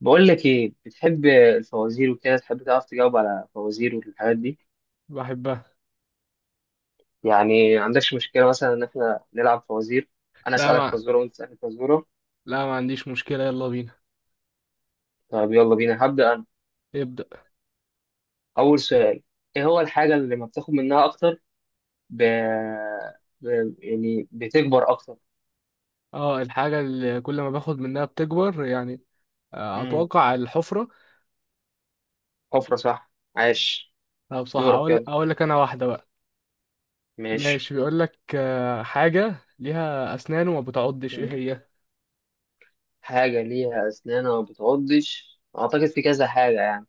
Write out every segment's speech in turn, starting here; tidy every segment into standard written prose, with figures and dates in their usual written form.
بقول لك ايه، بتحب الفوازير وكده؟ تحب تعرف تجاوب على فوازير والحاجات دي؟ بحبها. يعني ما عندكش مشكلة مثلا ان احنا نلعب فوازير؟ انا لا اسالك ما فزورة وانت تسالني فزورة. لا ما عنديش مشكلة، يلا بينا. طب يلا بينا، هبدأ انا. ابدأ. اول سؤال: ايه هو الحاجة اللي لما بتاخد منها اكتر ب... يعني بتكبر اكتر؟ اه، الحاجة اللي كل ما باخد منها بتكبر يعني. امم اتوقع الحفرة. حفرة، صح، عاش. لا، بصح دورك، اقول يلا. اقول لك انا واحدة بقى. ماشي. ماشي، بيقول لك حاجة ليها اسنان وما بتعضش، ايه مم. هي؟ حاجة ليها اسنان وما بتعضش، اعتقد في كذا حاجة يعني.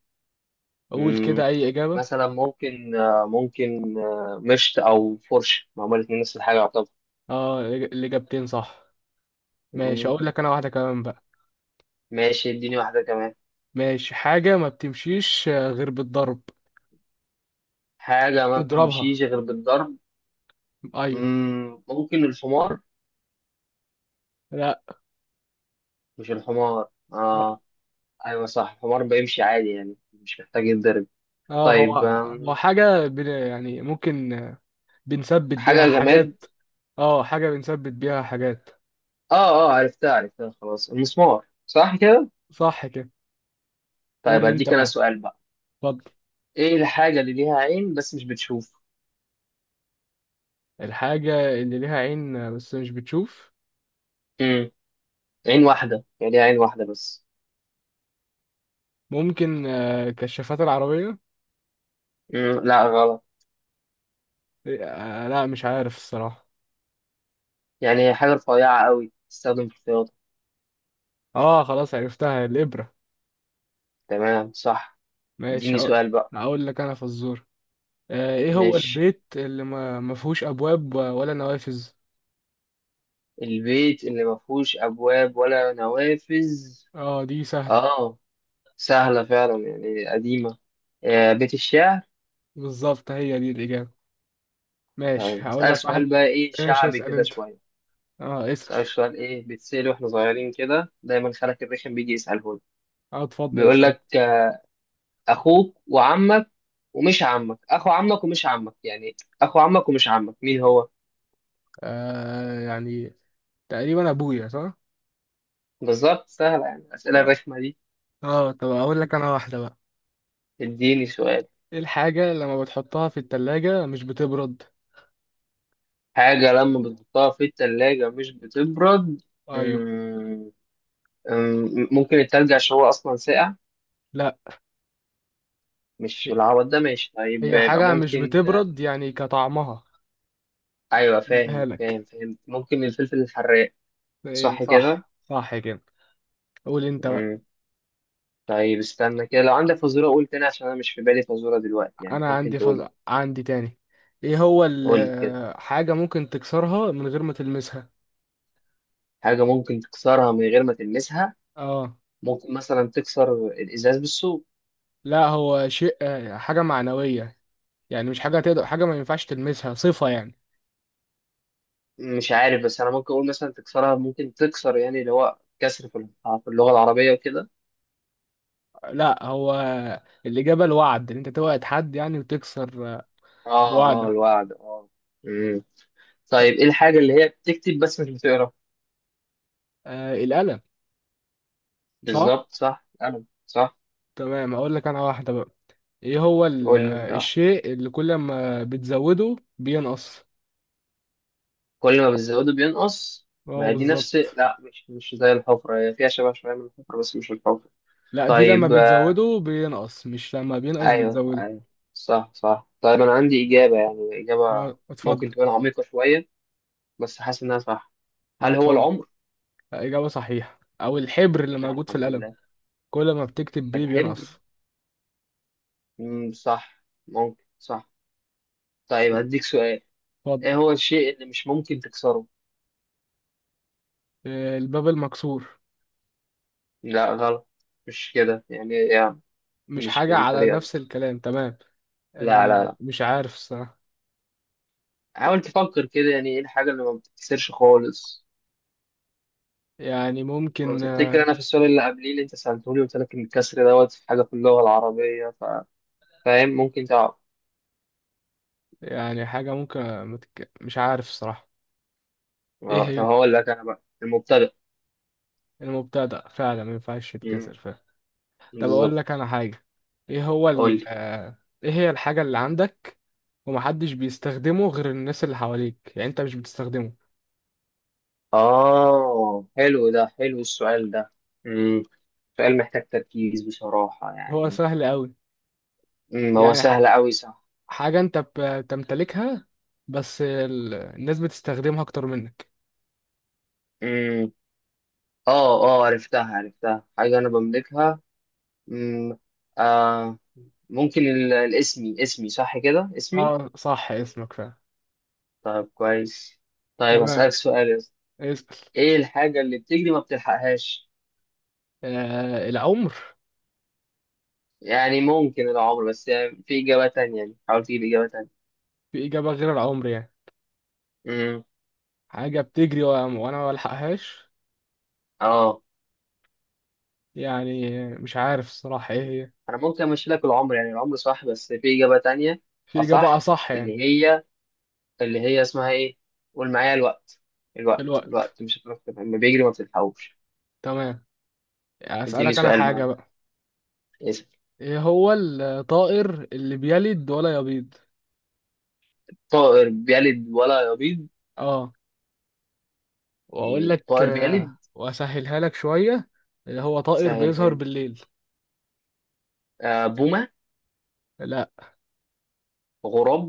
قول مم، كده اي اجابة. مثلا ممكن ممكن مشط او فرشه، ما هما الاتنين نفس الحاجه يعتبر. اه، الاجابتين صح. ماشي، مم، اقول لك انا واحدة كمان بقى. ماشي، اديني واحده كمان. ماشي، حاجة ما بتمشيش غير بالضرب. حاجه ما اضربها. بتمشيش غير بالضرب. ايوه. ممكن الحمار. لا. مش الحمار، لا. اه. ايوه صح، الحمار بيمشي عادي يعني، مش محتاج يتضرب. اه هو. طيب. هو حاجة يعني ممكن بنثبت بيها حاجه جماد. حاجات. اه، حاجة بنثبت بيها حاجات. اه اه، عرفتها عرفتها، خلاص المسمار، صح كده. صح كده. طيب قول انت هديك انا بقى. سؤال بقى: اتفضل. ايه الحاجه اللي ليها عين بس مش بتشوف؟ الحاجة اللي ليها عين بس مش بتشوف. مم، عين واحده يعني، ليها عين واحده بس. ممكن كشافات العربية. لا غلط. لا، مش عارف الصراحة. يعني هي حاجة رفيعة قوي تستخدم في الرياضة. اه خلاص، عرفتها، الإبرة. تمام صح. ماشي، اديني سؤال بقى. هقول لك انا فزور. ايه هو ماشي. البيت اللي ما فيهوش ابواب ولا نوافذ؟ البيت اللي ما فيهوش أبواب ولا نوافذ. اه دي سهلة. اه، سهلة فعلا يعني، قديمة. بيت الشعر. بالظبط، هي دي الإجابة. ماشي طيب هقول هسألك لك واحد. سؤال بقى، ايه ماشي شعبي اسأل كده انت. شوية. اه اسأل. هسألك سؤال ايه بيتسأل واحنا صغيرين كده دايما، خالك الرخم بيجي يسأله لي. اه اتفضل بيقول اسأل. لك أخوك وعمك ومش عمك، أخو عمك ومش عمك يعني، أخو عمك ومش عمك، مين هو؟ يعني تقريبا ابويا صح. بالظبط، سهلة يعني الأسئلة اه الرخمة دي. اه، طب اقول لك انا واحده بقى. اديني سؤال. ايه الحاجه لما بتحطها في التلاجة مش بتبرد؟ حاجة لما بتحطها في التلاجة مش بتبرد. ايوه. مم، ممكن التلج، عشان هو أصلا ساقع. لا. مش بالعوض ده، ماشي طيب، هي يبقى حاجه مش ممكن. بتبرد يعني كطعمها. أيوة اديها فاهم فاهم لك. فاهم، ممكن الفلفل الحراق. يعني صح كده. صح صح كده. قول انت بقى. مم، طيب استنى كده، لو عندك فزورة قول تاني، عشان أنا مش في بالي فزورة دلوقتي يعني، انا ممكن عندي تقول. عندي تاني. ايه هو قول كده. ال... حاجه ممكن تكسرها من غير ما تلمسها. حاجة ممكن تكسرها من غير ما تلمسها. اه. ممكن مثلا تكسر الإزاز بالسوق. لا، هو شيء، حاجه معنويه. يعني مش حاجه تقدر، حاجه ما ينفعش تلمسها، صفه يعني. مش عارف، بس انا ممكن اقول مثلا تكسرها ممكن تكسر، يعني اللي هو كسر في اللغه العربيه وكده. لا هو الإجابة الوعد، إن أنت توعد حد يعني وتكسر. اه اه، بوعدك. الوعد، اه. امم طيب، ايه الحاجه اللي هي بتكتب بس مش بتقرا؟ القلم. صح؟ بالظبط، صح انا صح. تمام، هقول لك أنا واحدة بقى. إيه هو قول لي انت الشيء اللي كل ما بتزوده بينقص؟ كل ما بتزوده بينقص. ما اه هي دي نفس، بالظبط. لا مش زي الحفره، هي فيها شبه شويه من الحفره بس مش الحفره. لا، دي لما طيب بتزوده بينقص، مش لما بينقص ايوه بتزوده. ايوه، صح صح. طيب انا عندي اجابه، يعني اجابه اه اتفضل. ممكن تكون عميقه شويه، بس حاسس انها صح. اه هل هو اتفضل. العمر؟ إجابة صحيحة، أو الحبر اللي موجود في الحمد القلم. لله. كل ما بتكتب بيه الحبر. بينقص. صح، ممكن، صح. طيب هديك سؤال. اتفضل. ايه هو الشيء اللي مش ممكن تكسره؟ الباب المكسور. لا غلط. مش كده يعني، يعني مش مش حاجة على بالطريقة دي. نفس الكلام تمام. لا لا لا، مش عارف الصراحة. حاول تفكر كده يعني، ايه الحاجة اللي ما بتتكسرش خالص. يعني لو ممكن تفتكر آه، انا في السؤال اللي قبليه اللي انت سألتوني قلت لك ان الكسر دوت في حاجة في اللغة العربية فاهم؟ ممكن تعرف؟ يعني حاجة ممكن. مش عارف الصراحة. ايه طب هي؟ هقول لك انا بقى، المبتدأ. المبتدأ فعلا ما ينفعش مم، يتكسر فعلا. طب اقول بالظبط. لك انا حاجة. ايه هو قول ال... لي. آه، ايه هي الحاجة اللي عندك ومحدش بيستخدمه غير الناس اللي حواليك يعني انت مش بتستخدمه؟ آه حلو، ده حلو السؤال ده. مم. سؤال محتاج تركيز بصراحة هو يعني. سهل قوي. هو يعني سهل أوي صح. حاجة انت بتمتلكها، بس الناس بتستخدمها اكتر منك. مم. آه آه، عرفتها عرفتها، حاجة أنا بملكها. مم. آه، ممكن الاسمي، اسمي، صح كده، اسمي. اه صح، اسمك فعلا. طيب كويس. طيب تمام. هسألك سؤال يا اسطى. اسأل. إيه الحاجة اللي بتجري ما بتلحقهاش؟ العمر. يعني ممكن العمر، بس يعني في إجابة تانية، يعني حاول تجيب إجابة تانية. في إجابة غير العمر يعني. مم. حاجة بتجري وأنا ما بلحقهاش. آه. يعني مش عارف الصراحة إيه هي. انا ممكن امشي لك العمر، يعني العمر صح، بس في اجابه تانية. في إجابة اصح، أصح يعني. اللي هي، اللي هي اسمها ايه؟ قول معايا: الوقت. الوقت، الوقت. الوقت مش هتعرف تفهم، لما بيجري ما بتلحقوش. تمام. اديني أسألك أنا سؤال حاجة بقى. بقى. اسأل. إيه هو الطائر اللي بيلد ولا يبيض؟ طائر بيلد ولا يبيض. آه. وأقول لك طائر بيلد. وأسهلها لك شوية. اللي هو طائر سهلها بيظهر لي. بالليل. آه، بومه. لا. غراب.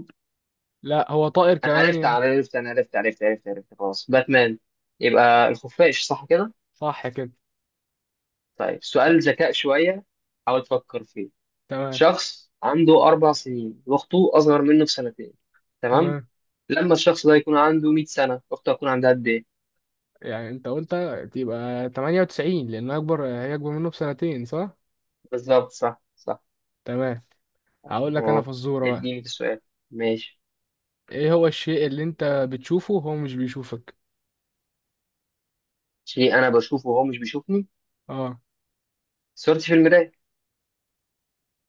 لا، هو طائر انا كمان عرفت انا يعني. عرفت انا عرفت، عرفت عرفت عرفت، خلاص، باتمان، يبقى الخفاش، صح كده. صح كده. طيب ت- سؤال ذكاء شويه، حاول تفكر فيه. تمام. شخص عنده أربع سنين وأخته أصغر منه بسنتين، تمام. تمام. لما الشخص ده يكون عنده 100 سنة، أخته هتكون عندها قد إيه؟ يعني أنت قلت تبقى 98 لأن أكبر، هي أكبر منه بسنتين صح؟ بالظبط، صح صح. تمام. هقول لك انا أه، فزوره بقى. اديني في السؤال. ماشي. ايه هو الشيء اللي انت بتشوفه وهو مش بيشوفك؟ شيء أنا بشوفه وهو مش بيشوفني. اه. صورتي في المراية.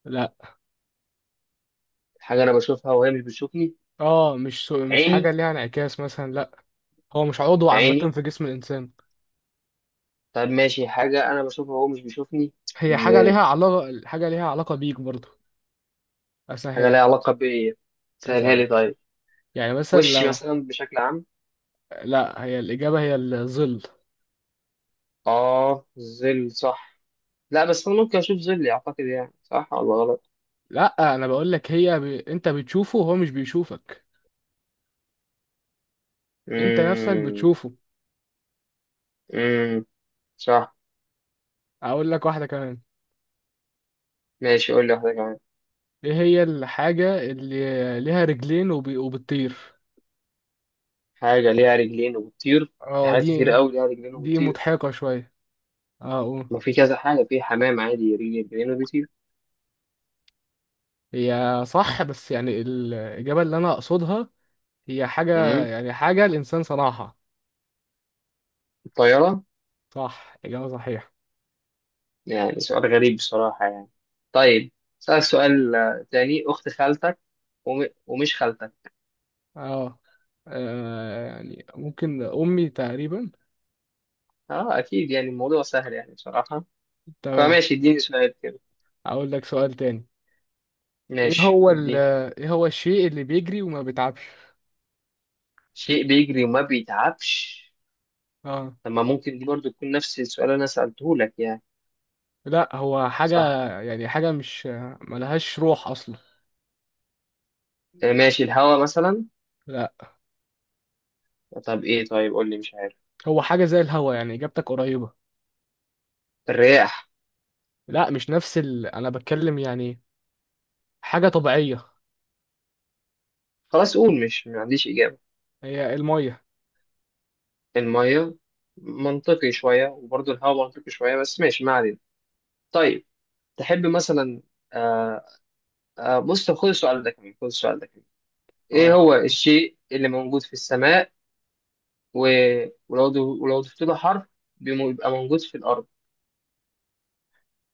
لا. حاجة أنا بشوفها وهي مش بتشوفني. اه، مش عيني. حاجه ليها انعكاس مثلا، لا. هو مش عضو عامه عيني. في جسم الانسان. طب ماشي، حاجة أنا بشوفها وهو مش بيشوفني. هي حاجه إزاي؟ ليها علاقه، حاجه ليها علاقه بيك برضه. حاجة ليها اسهلك. علاقة بإيه؟ سهلها لي كذا. طيب. يعني مثلا وشي مثلا بشكل عام. لا، هي الاجابه هي الظل. آه، ظل، صح. لا بس أنا ممكن أشوف ظلي، أعتقد يعني، صح ولا غلط؟ لا، انا بقول لك هي انت بتشوفه وهو مش بيشوفك. انت نفسك امم بتشوفه. امم صح. اقول لك واحده كمان. ماشي، قول لي واحدة كمان. ايه هي الحاجه اللي ليها رجلين وبتطير؟ حاجة ليها رجلين وبتطير. في اه حاجات كتير دي. قوي ليها رجلين دي وبتطير. مضحكة شوية. اه أقول. ما في كذا حاجة، في حمام عادي رجلين، رجلين وبيطير. هي صح بس يعني الإجابة اللي أنا أقصدها هي حاجة، امم يعني حاجة الإنسان صنعها. الطيارة. صح، إجابة صحيحة. يعني سؤال غريب بصراحة يعني. طيب، سألك سؤال تاني: أخت خالتك ومش خالتك. اه. يعني ممكن أمي تقريبا. اه أكيد، يعني الموضوع سهل يعني بصراحة. تمام. فماشي، اديني سؤال كده. أقول لك سؤال تاني. إيه ماشي هو ال اديني. إيه هو الشيء اللي بيجري وما بيتعبش؟ شيء بيجري وما بيتعبش. اه. طب ما ممكن دي برضو تكون نفس السؤال اللي أنا سألته لك يعني. لا، هو حاجة. صح. يعني حاجة مش ملهاش روح أصلا. ماشي، الهوا مثلا. لا، طب ايه، طيب قول لي، مش عارف. هو حاجة زي الهوا يعني، إجابتك قريبة. الرياح. لا، مش نفس أنا بتكلم يعني حاجة طبيعية. خلاص قول، مش ما عنديش إجابة. هي المية. المية. منطقي شوية، وبرضه الهوا منطقي شوية، بس ماشي ما علينا. طيب، تحب مثلا، آه آه، بص طب خد السؤال ده كمان، خد السؤال ده كمان. ايه اه، هو الشيء اللي موجود في السماء و... ولو ضفت له حرف بيبقى موجود في الأرض؟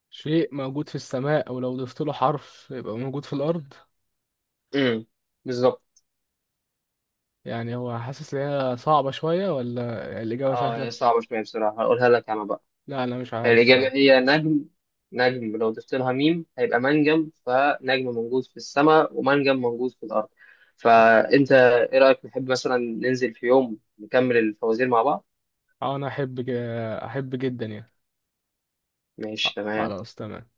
شيء موجود في السماء أو لو ضفت له حرف يبقى موجود في الأرض. امم بالظبط. يعني هو حاسس إن هي صعبة شوية ولا الإجابة اه سهلة؟ صعبة شوية بصراحة، هقولها لك انا بقى. لا، أنا مش عارف الصراحة. الإجابة هي نجم. نجم لو ضفت لها ميم هيبقى منجم، فنجم موجود في السماء ومنجم موجود في الأرض. فأنت إيه رأيك، نحب مثلا ننزل في يوم نكمل الفوازير مع بعض؟ أه، أنا أحب جدا يعني. ماشي تمام. خلاص تمام.